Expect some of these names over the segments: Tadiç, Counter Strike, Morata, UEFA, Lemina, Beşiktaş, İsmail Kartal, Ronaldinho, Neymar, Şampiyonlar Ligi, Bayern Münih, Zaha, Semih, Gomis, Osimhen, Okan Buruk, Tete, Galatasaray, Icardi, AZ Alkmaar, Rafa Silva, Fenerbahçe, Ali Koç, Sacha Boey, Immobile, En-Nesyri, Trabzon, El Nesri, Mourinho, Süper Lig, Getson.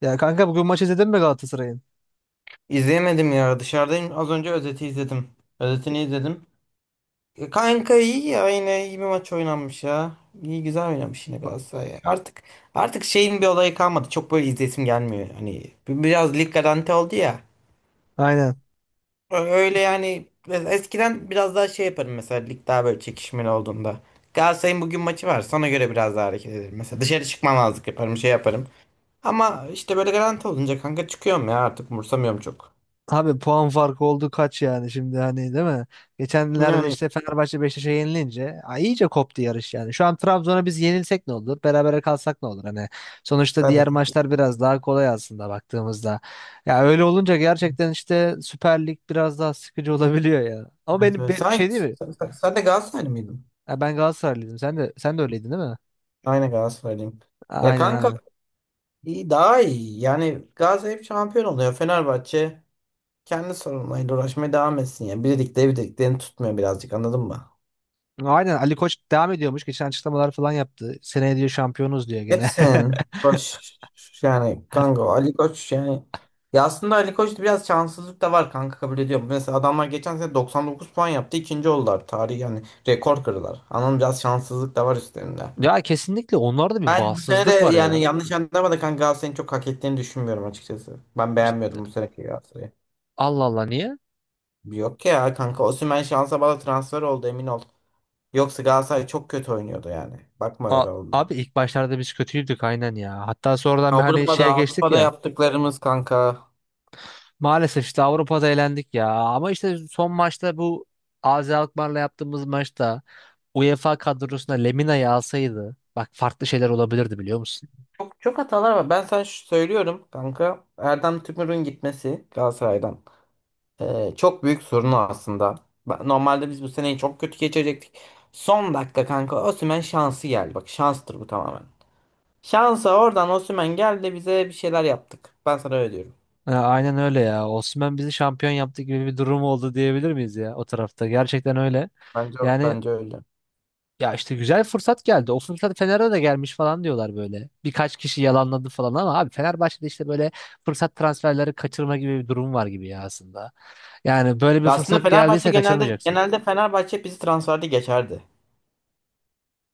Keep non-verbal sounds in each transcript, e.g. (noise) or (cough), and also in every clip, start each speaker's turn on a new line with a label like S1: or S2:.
S1: Ya kanka bugün maç izledin mi Galatasaray'ın?
S2: İzleyemedim ya dışarıdayım. Az önce özeti izledim. Özetini izledim. E, kanka iyi ya yine iyi bir maç oynanmış ya. İyi güzel oynamış yine Galatasaray ya. Artık şeyin bir olayı kalmadı. Çok böyle izlesim gelmiyor. Hani biraz lig garanti oldu ya.
S1: Aynen.
S2: Öyle yani. Mesela eskiden biraz daha şey yaparım, mesela lig daha böyle çekişmeli olduğunda. Galatasaray'ın bugün maçı var. Sana göre biraz daha hareket ederim. Mesela dışarı çıkmamazlık yaparım, şey yaparım. Ama işte böyle garanti olunca kanka çıkıyorum ya, artık umursamıyorum çok.
S1: Abi puan farkı oldu kaç yani şimdi hani değil mi? Geçenlerde
S2: Yani
S1: işte Fenerbahçe Beşiktaş'a yenilince ay iyice koptu yarış yani. Şu an Trabzon'a biz yenilsek ne olur? Berabere kalsak ne olur? Hani sonuçta diğer
S2: tabii.
S1: maçlar biraz daha kolay aslında baktığımızda. Ya öyle olunca gerçekten işte Süper Lig biraz daha sıkıcı olabiliyor ya. Ama
S2: Evet,
S1: benim
S2: evet.
S1: bir
S2: Sen,
S1: şey değil mi?
S2: sen, sen de Galatasaraylı mıydın?
S1: Ya ben Galatasaraylıydım. Sen de öyleydin değil mi?
S2: Aynen Galatasaraylıyım. Ya
S1: Aynen
S2: kanka
S1: aynen.
S2: iyi, daha iyi. Yani Galatasaray hep şampiyon oluyor. Fenerbahçe kendi sorunlarıyla uğraşmaya devam etsin ya. Birlikte birliklerini tutmuyor birazcık, anladın mı?
S1: Aynen Ali Koç devam ediyormuş. Geçen açıklamalar falan yaptı. Seneye diyor şampiyonuz diyor gene. (laughs)
S2: Etsin. Koç yani kanka Ali Koç yani ya aslında Ali Koç'ta biraz şanssızlık da var kanka, kabul ediyorum. Mesela adamlar geçen sene 99 puan yaptı, ikinci oldular. Tarih yani rekor kırdılar. Anladın mı? Biraz şanssızlık da var üstlerinde.
S1: Ya kesinlikle onlarda bir
S2: Ben bu sene de
S1: bağımsızlık var
S2: yani,
S1: ya.
S2: yanlış anlama da kanka, Galatasaray'ın çok hak ettiğini düşünmüyorum açıkçası. Ben
S1: Cid-
S2: beğenmiyordum bu seneki Galatasaray'ı.
S1: Allah Allah niye?
S2: Yok ya kanka, Osimhen şansa bağlı transfer oldu, emin ol. Yoksa Galatasaray çok kötü oynuyordu yani. Bakma,
S1: A-
S2: öyle oldu.
S1: Abi ilk başlarda biz kötüydük aynen ya. Hatta sonradan bir hani
S2: Avrupa'da
S1: şeye geçtik
S2: Avrupa'da
S1: ya.
S2: yaptıklarımız kanka.
S1: Maalesef işte Avrupa'da elendik ya. Ama işte son maçta bu AZ Alkmaar'la yaptığımız maçta UEFA kadrosuna Lemina'yı alsaydı bak farklı şeyler olabilirdi biliyor musun?
S2: Çok çok hatalar var. Ben sana şu söylüyorum kanka. Erdem Tümür'ün gitmesi Galatasaray'dan çok büyük sorunu aslında. Normalde biz bu seneyi çok kötü geçirecektik. Son dakika kanka Osimhen şansı geldi. Bak, şanstır bu tamamen. Şansa oradan Osimhen geldi, bize bir şeyler yaptık. Ben sana öyle diyorum.
S1: Ha, aynen öyle ya. Osimhen bizi şampiyon yaptı gibi bir durum oldu diyebilir miyiz ya o tarafta? Gerçekten öyle.
S2: Bence
S1: Yani
S2: bence öyle.
S1: ya işte güzel fırsat geldi. O fırsat Fener'e de gelmiş falan diyorlar böyle. Birkaç kişi yalanladı falan ama abi Fenerbahçe'de işte böyle fırsat transferleri kaçırma gibi bir durum var gibi ya aslında. Yani böyle bir
S2: Ya aslında
S1: fırsat
S2: Fenerbahçe
S1: geldiyse
S2: genelde
S1: kaçırmayacaksın.
S2: genelde Fenerbahçe bizi transferde geçerdi.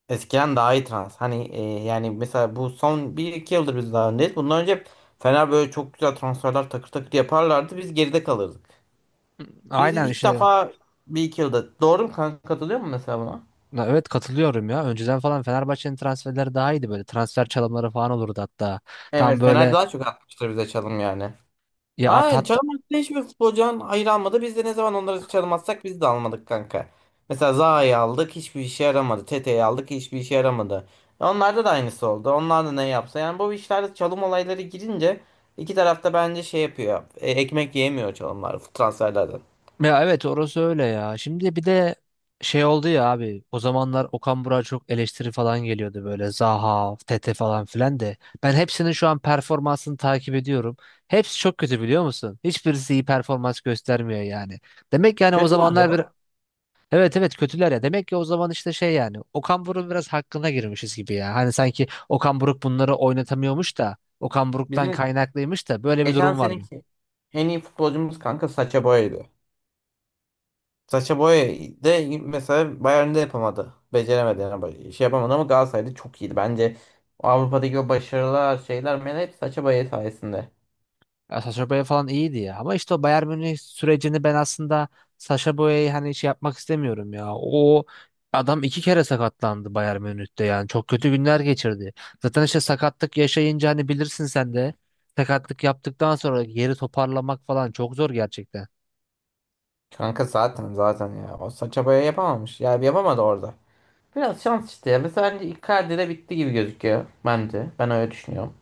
S2: Eskiden daha iyi trans. Hani yani mesela bu son bir iki yıldır biz daha öndeyiz. Bundan önce Fener böyle çok güzel transferler takır takır yaparlardı. Biz geride kalırdık. Biz
S1: Aynen
S2: ilk
S1: işte.
S2: defa bir iki yılda. Doğru mu kanka? Katılıyor mu mesela buna?
S1: Ya evet katılıyorum ya. Önceden falan Fenerbahçe'nin transferleri daha iyiydi böyle. Transfer çalımları falan olurdu hatta. Tam
S2: Evet, Fener
S1: böyle
S2: daha çok atmıştır bize çalım yani.
S1: ya at.
S2: Aynen, Çalımaz'da hiçbir futbolcudan hayır almadı. Biz de ne zaman onları çalmazsak biz de almadık kanka. Mesela Zaha'yı aldık, hiçbir işe yaramadı. Tete'yi aldık, hiçbir işe yaramadı. E, onlarda da aynısı oldu. Onlar da ne yapsa. Yani bu işlerde çalım olayları girince iki tarafta bence şey yapıyor. E, ekmek yiyemiyor çalımlar transferlerden.
S1: Ya evet orası öyle ya. Şimdi bir de şey oldu ya abi. O zamanlar Okan Burak'a çok eleştiri falan geliyordu böyle. Zaha, Tete falan filan de. Ben hepsinin şu an performansını takip ediyorum. Hepsi çok kötü biliyor musun? Hiçbirisi iyi performans göstermiyor yani. Demek yani o
S2: Kötü ne ya?
S1: zamanlar bir evet evet kötüler ya. Demek ki o zaman işte şey yani Okan Buruk'un biraz hakkına girmişiz gibi ya. Hani sanki Okan Buruk bunları oynatamıyormuş da Okan Buruk'tan
S2: Bizim
S1: kaynaklıymış da böyle bir
S2: geçen
S1: durum vardı.
S2: seneki en iyi futbolcumuz kanka Sacha Boey'di. Saça Boey de mesela Bayern'de yapamadı. Beceremedi yani. Şey yapamadı ama Galatasaray'da çok iyiydi. Bence Avrupa'daki o başarılar şeyler men hep Sacha Boey sayesinde.
S1: Ya Sacha Boey falan iyiydi ya. Ama işte o Bayern Münih sürecini ben aslında Sacha Boey'e hani şey yapmak istemiyorum ya. O adam iki kere sakatlandı Bayern Münih'te yani. Çok kötü günler geçirdi. Zaten işte sakatlık yaşayınca hani bilirsin sen de. Sakatlık yaptıktan sonra geri toparlamak falan çok zor gerçekten.
S2: Kanka zaten ya. O Sacha Boey yapamamış. Ya yapamadı orada. Biraz şans işte ya. Mesela bence Icardi'de bitti gibi gözüküyor. Bence. Ben öyle düşünüyorum.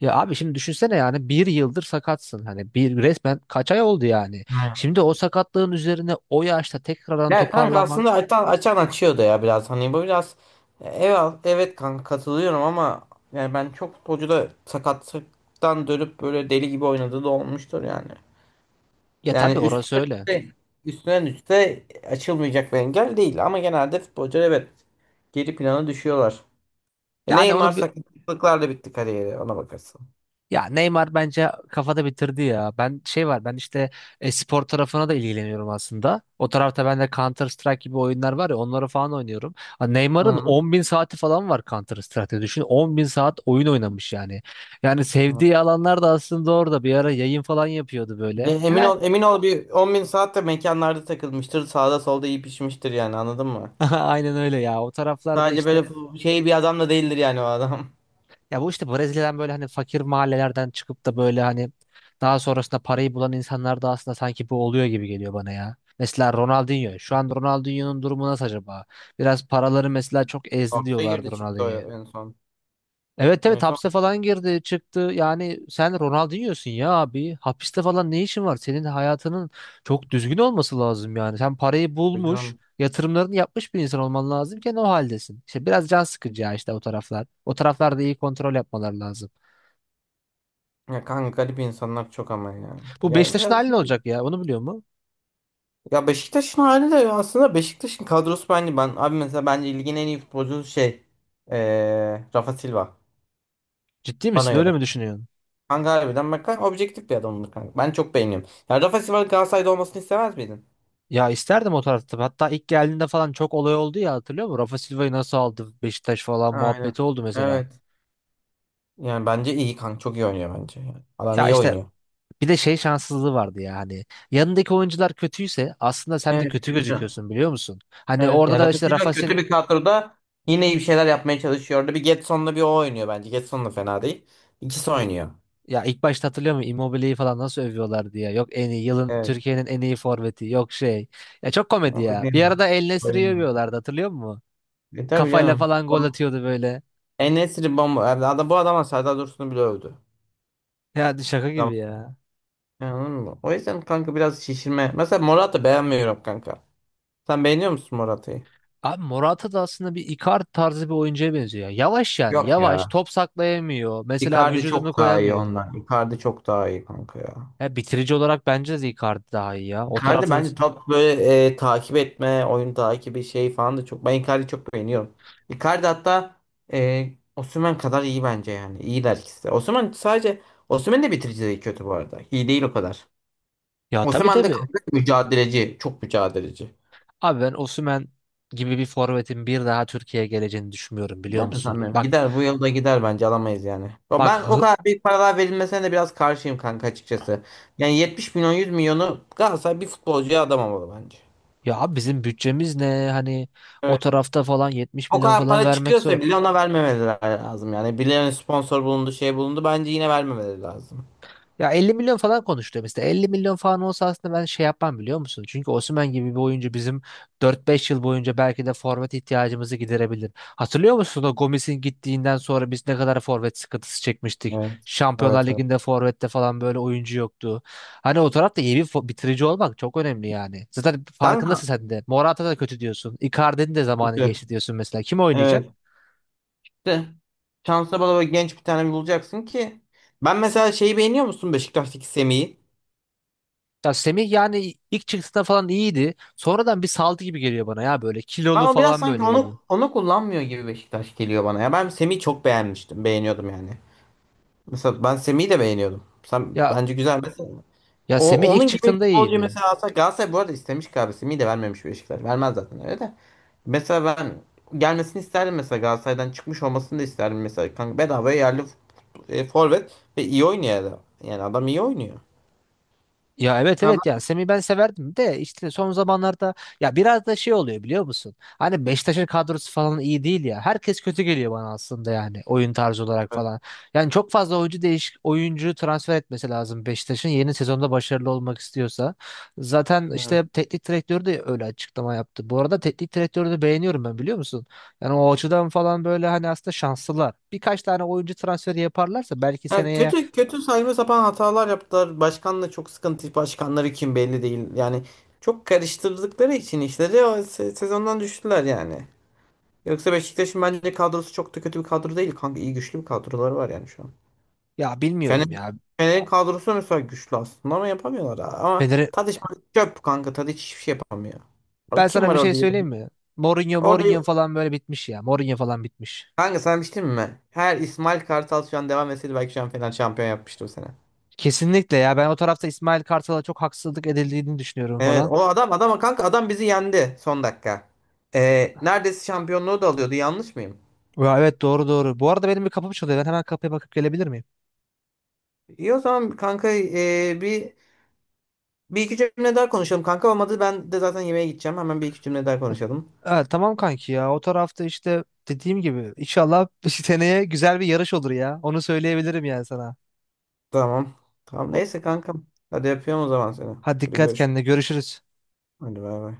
S1: Ya abi şimdi düşünsene yani bir yıldır sakatsın. Hani bir resmen kaç ay oldu yani.
S2: Aynen.
S1: Şimdi o sakatlığın üzerine o yaşta tekrardan
S2: Ya kanka
S1: toparlamak.
S2: aslında açan açıyordu ya biraz. Hani bu biraz evet, evet kanka katılıyorum ama yani ben çok futbolcu da sakatlıktan dönüp böyle deli gibi oynadığı da olmuştur yani.
S1: Ya
S2: Yani
S1: tabii orası
S2: üstüne
S1: öyle.
S2: üste, üstüne üste açılmayacak bir engel değil. Ama genelde futbolcular, evet, geri plana düşüyorlar. E,
S1: Yani
S2: Neymar
S1: onu
S2: sakatlıklarla bitti kariyeri, ona bakarsın.
S1: ya Neymar bence kafada bitirdi ya. Ben şey var ben işte spor tarafına da ilgileniyorum aslında. O tarafta ben de Counter Strike gibi oyunlar var ya onları falan oynuyorum. Ha,
S2: Hı
S1: Neymar'ın
S2: hı.
S1: 10 bin saati falan var Counter Strike'de. Düşün 10 bin saat oyun oynamış yani. Yani sevdiği alanlar da aslında orada bir ara yayın falan yapıyordu
S2: Ya
S1: böyle.
S2: emin
S1: Helal.
S2: ol, emin ol bir 10 bin saat de mekanlarda takılmıştır. Sağda solda iyi pişmiştir yani, anladın mı?
S1: (laughs) Aynen öyle ya. O taraflarda
S2: Sadece
S1: işte
S2: böyle şey bir adam da değildir yani o adam. (laughs)
S1: ya bu işte Brezilya'dan böyle hani fakir mahallelerden çıkıp da böyle hani daha sonrasında parayı bulan insanlar da aslında sanki bu oluyor gibi geliyor bana ya. Mesela Ronaldinho. Şu an Ronaldinho'nun durumu nasıl acaba? Biraz paraları mesela çok ezdi
S2: Hapse
S1: diyorlardı
S2: girdi çıktı
S1: Ronaldinho'ya.
S2: o en son.
S1: Evet evet
S2: En son.
S1: hapse falan girdi çıktı. Yani sen Ronaldinho'sun ya abi. Hapiste falan ne işin var? Senin hayatının çok düzgün olması lazım yani. Sen parayı bulmuş,
S2: Hocam.
S1: yatırımlarını yapmış bir insan olman lazımken o haldesin. İşte biraz can sıkıcı ya işte o taraflar. O taraflarda iyi kontrol yapmaları lazım.
S2: Ya kanka garip insanlar çok ama ya.
S1: Bu
S2: Ya
S1: Beşiktaş'ın
S2: biraz.
S1: hali ne olacak ya? Onu biliyor mu?
S2: Ya Beşiktaş'ın hali de aslında Beşiktaş'ın kadrosu bence, ben abi mesela bence ligin en iyi futbolcusu şey Rafa Silva,
S1: Ciddi
S2: bana
S1: misin? Öyle
S2: göre.
S1: mi düşünüyorsun?
S2: Kanka harbiden, bak kanka objektif bir adamdır kanka. Ben çok beğeniyorum. Ya Rafa Silva Galatasaray'da olmasını istemez miydin?
S1: Ya isterdim o tarafta. Hatta ilk geldiğinde falan çok olay oldu ya hatırlıyor musun? Rafa Silva'yı nasıl aldı Beşiktaş falan
S2: Aynen.
S1: muhabbeti oldu mesela.
S2: Evet. Yani bence iyi kanka, çok iyi oynuyor bence. Yani adam
S1: Ya
S2: iyi
S1: işte
S2: oynuyor.
S1: bir de şey şanssızlığı vardı ya hani. Yanındaki oyuncular kötüyse aslında sen de
S2: Evet,
S1: kötü
S2: kötü.
S1: gözüküyorsun biliyor musun? Hani
S2: Evet.
S1: orada
S2: Yani
S1: da
S2: Rafa
S1: işte
S2: Silva
S1: Rafa Sil
S2: kötü bir kadroda yine iyi bir şeyler yapmaya çalışıyor. Orada bir Getson'la bir o oynuyor bence. Getson da fena değil. İkisi oynuyor.
S1: ya ilk başta hatırlıyor musun? Immobile'yi falan nasıl övüyorlar diye. Yok en iyi yılın
S2: Evet.
S1: Türkiye'nin en iyi forveti. Yok şey. Ya çok komedi ya. Bir
S2: Oynayamam.
S1: arada El Nesri'yi
S2: Oynayamam.
S1: övüyorlardı hatırlıyor musun?
S2: E, tabii
S1: Kafayla
S2: canım.
S1: falan gol atıyordu böyle.
S2: En-Nesyri bomba. Yani adam, bu adama Serdar Dursun'u bile övdü.
S1: Yani şaka gibi
S2: Tamam.
S1: ya.
S2: Yani, anladın mı? O yüzden kanka biraz şişirme. Mesela Morata beğenmiyorum kanka. Sen beğeniyor musun Morata'yı?
S1: Abi Morata da aslında bir Icardi tarzı bir oyuncuya benziyor. Yavaş yani
S2: Yok
S1: yavaş
S2: ya.
S1: top saklayamıyor. Mesela
S2: Icardi
S1: vücudunu
S2: çok daha iyi
S1: koyamıyor.
S2: ondan. Icardi çok daha iyi kanka ya.
S1: Ya bitirici olarak bence de Icardi daha iyi ya. O
S2: Icardi
S1: tarafta da...
S2: bence top böyle takip etme, oyun takibi şey falan da çok. Ben Icardi'yi çok beğeniyorum. Icardi hatta e, Osimhen kadar iyi bence yani. İyiler ikisi de. Osimhen sadece. Osimhen de bitirici değil, kötü bu arada. İyi değil o kadar.
S1: Ya tabii
S2: Osimhen de
S1: tabii.
S2: kanka mücadeleci. Çok mücadeleci.
S1: Abi ben Osimhen gibi bir forvetin bir daha Türkiye'ye geleceğini düşünmüyorum biliyor
S2: Ben de
S1: musun?
S2: sanmıyorum. Gider bu yılda, gider bence alamayız yani. Ama
S1: Bak
S2: ben o
S1: hı-
S2: kadar büyük paralar verilmesine de biraz karşıyım kanka açıkçası. Yani 70 milyon, 100 milyonu Galatasaray bir futbolcuya adamamalı bence.
S1: Ya abi bizim bütçemiz ne? Hani o
S2: Evet.
S1: tarafta falan 70
S2: O
S1: milyon
S2: kadar
S1: falan
S2: para
S1: vermek zor.
S2: çıkıyorsa bile ona vermemeleri lazım yani. Birilerine sponsor bulundu, şey bulundu, bence yine vermemeleri lazım.
S1: Ya 50 milyon falan konuştu mesela. 50 milyon falan olsa aslında ben şey yapmam biliyor musun? Çünkü Osimhen gibi bir oyuncu bizim 4 5 yıl boyunca belki de forvet ihtiyacımızı giderebilir. Hatırlıyor musun o Gomis'in gittiğinden sonra biz ne kadar forvet sıkıntısı çekmiştik?
S2: Evet. Evet,
S1: Şampiyonlar
S2: evet.
S1: Ligi'nde forvette falan böyle oyuncu yoktu. Hani o tarafta iyi bir bitirici olmak çok önemli yani. Zaten farkındasın
S2: Kanka.
S1: sen de. Morata da kötü diyorsun. Icardi'nin de zamanı
S2: Kötü.
S1: geçti diyorsun mesela. Kim
S2: Evet.
S1: oynayacak?
S2: De. Şansa bala bala genç bir tane bulacaksın ki. Ben mesela, şeyi beğeniyor musun Beşiktaş'taki Semih'i?
S1: Ya Semih yani ilk çıktığında falan iyiydi. Sonradan bir saldı gibi geliyor bana ya böyle kilolu
S2: Ama biraz
S1: falan
S2: sanki
S1: böyle geliyor.
S2: onu kullanmıyor gibi Beşiktaş, geliyor bana ya. Ben Semih'i çok beğenmiştim. Beğeniyordum yani. Mesela ben Semih'i de beğeniyordum. Sen
S1: Ya
S2: bence güzel mesela.
S1: ya
S2: O
S1: Semih ilk
S2: onun gibi bir
S1: çıktığında
S2: futbolcu
S1: iyiydi.
S2: mesela alsak Galatasaray, bu arada istemiş galiba Semih'i de vermemiş Beşiktaş. Vermez zaten öyle de. Mesela ben gelmesini isterdim mesela, Galatasaray'dan çıkmış olmasını da isterdim mesela. Kanka bedava yerli forvet ve iyi oynuyor adam. Yani adam iyi oynuyor.
S1: Ya evet
S2: Ha,
S1: evet ya Semih ben severdim de işte son zamanlarda ya biraz da şey oluyor biliyor musun? Hani Beşiktaş'ın kadrosu falan iyi değil ya. Herkes kötü geliyor bana aslında yani oyun tarzı olarak falan. Yani çok fazla oyuncu değiş oyuncu transfer etmesi lazım Beşiktaş'ın yeni sezonda başarılı olmak istiyorsa. Zaten
S2: bak.
S1: işte teknik direktörü de öyle açıklama yaptı. Bu arada teknik direktörü de beğeniyorum ben biliyor musun? Yani o açıdan falan böyle hani aslında şanslılar. Birkaç tane oyuncu transferi yaparlarsa belki
S2: Yani
S1: seneye
S2: kötü kötü saçma sapan hatalar yaptılar. Başkanla çok sıkıntı. Başkanları kim belli değil. Yani çok karıştırdıkları için işleri o sezondan düştüler yani. Yoksa Beşiktaş'ın bence kadrosu çok da kötü bir kadro değil kanka. İyi, güçlü bir kadroları var yani şu an.
S1: ya
S2: Fener,
S1: bilmiyorum ya.
S2: Fener'in kadrosu mesela güçlü aslında ama yapamıyorlar ha. Ama Tadiç çöp kanka. Tadiç hiçbir şey yapamıyor. Abi,
S1: Ben
S2: kim
S1: sana
S2: var
S1: bir şey
S2: orada iyi?
S1: söyleyeyim mi? Mourinho,
S2: Orada
S1: Mourinho falan böyle bitmiş ya. Mourinho falan bitmiş.
S2: kanka, sana bir şey diyeyim mi? Her İsmail Kartal şu an devam etseydi belki şu an Fener şampiyon yapmıştı o sene.
S1: Kesinlikle ya. Ben o tarafta İsmail Kartal'a çok haksızlık edildiğini düşünüyorum
S2: Evet,
S1: falan.
S2: o adam adama kanka, adam bizi yendi son dakika. Neredeyse şampiyonluğu da alıyordu, yanlış mıyım?
S1: Ya evet doğru doğru. Bu arada benim bir kapım çalıyor. Ben hemen kapıya bakıp gelebilir miyim?
S2: İyi o zaman kanka bir iki cümle daha konuşalım kanka, olmadı ben de zaten yemeğe gideceğim, hemen bir iki cümle daha konuşalım.
S1: Evet tamam kanki ya. O tarafta işte dediğim gibi inşallah (laughs) seneye güzel bir yarış olur ya. Onu söyleyebilirim yani sana.
S2: Tamam. Tamam
S1: O...
S2: neyse kankam. Hadi yapıyorum o zaman seni.
S1: Hadi
S2: Hadi
S1: dikkat
S2: görüşürüz.
S1: kendine. Görüşürüz.
S2: Hadi bay bay.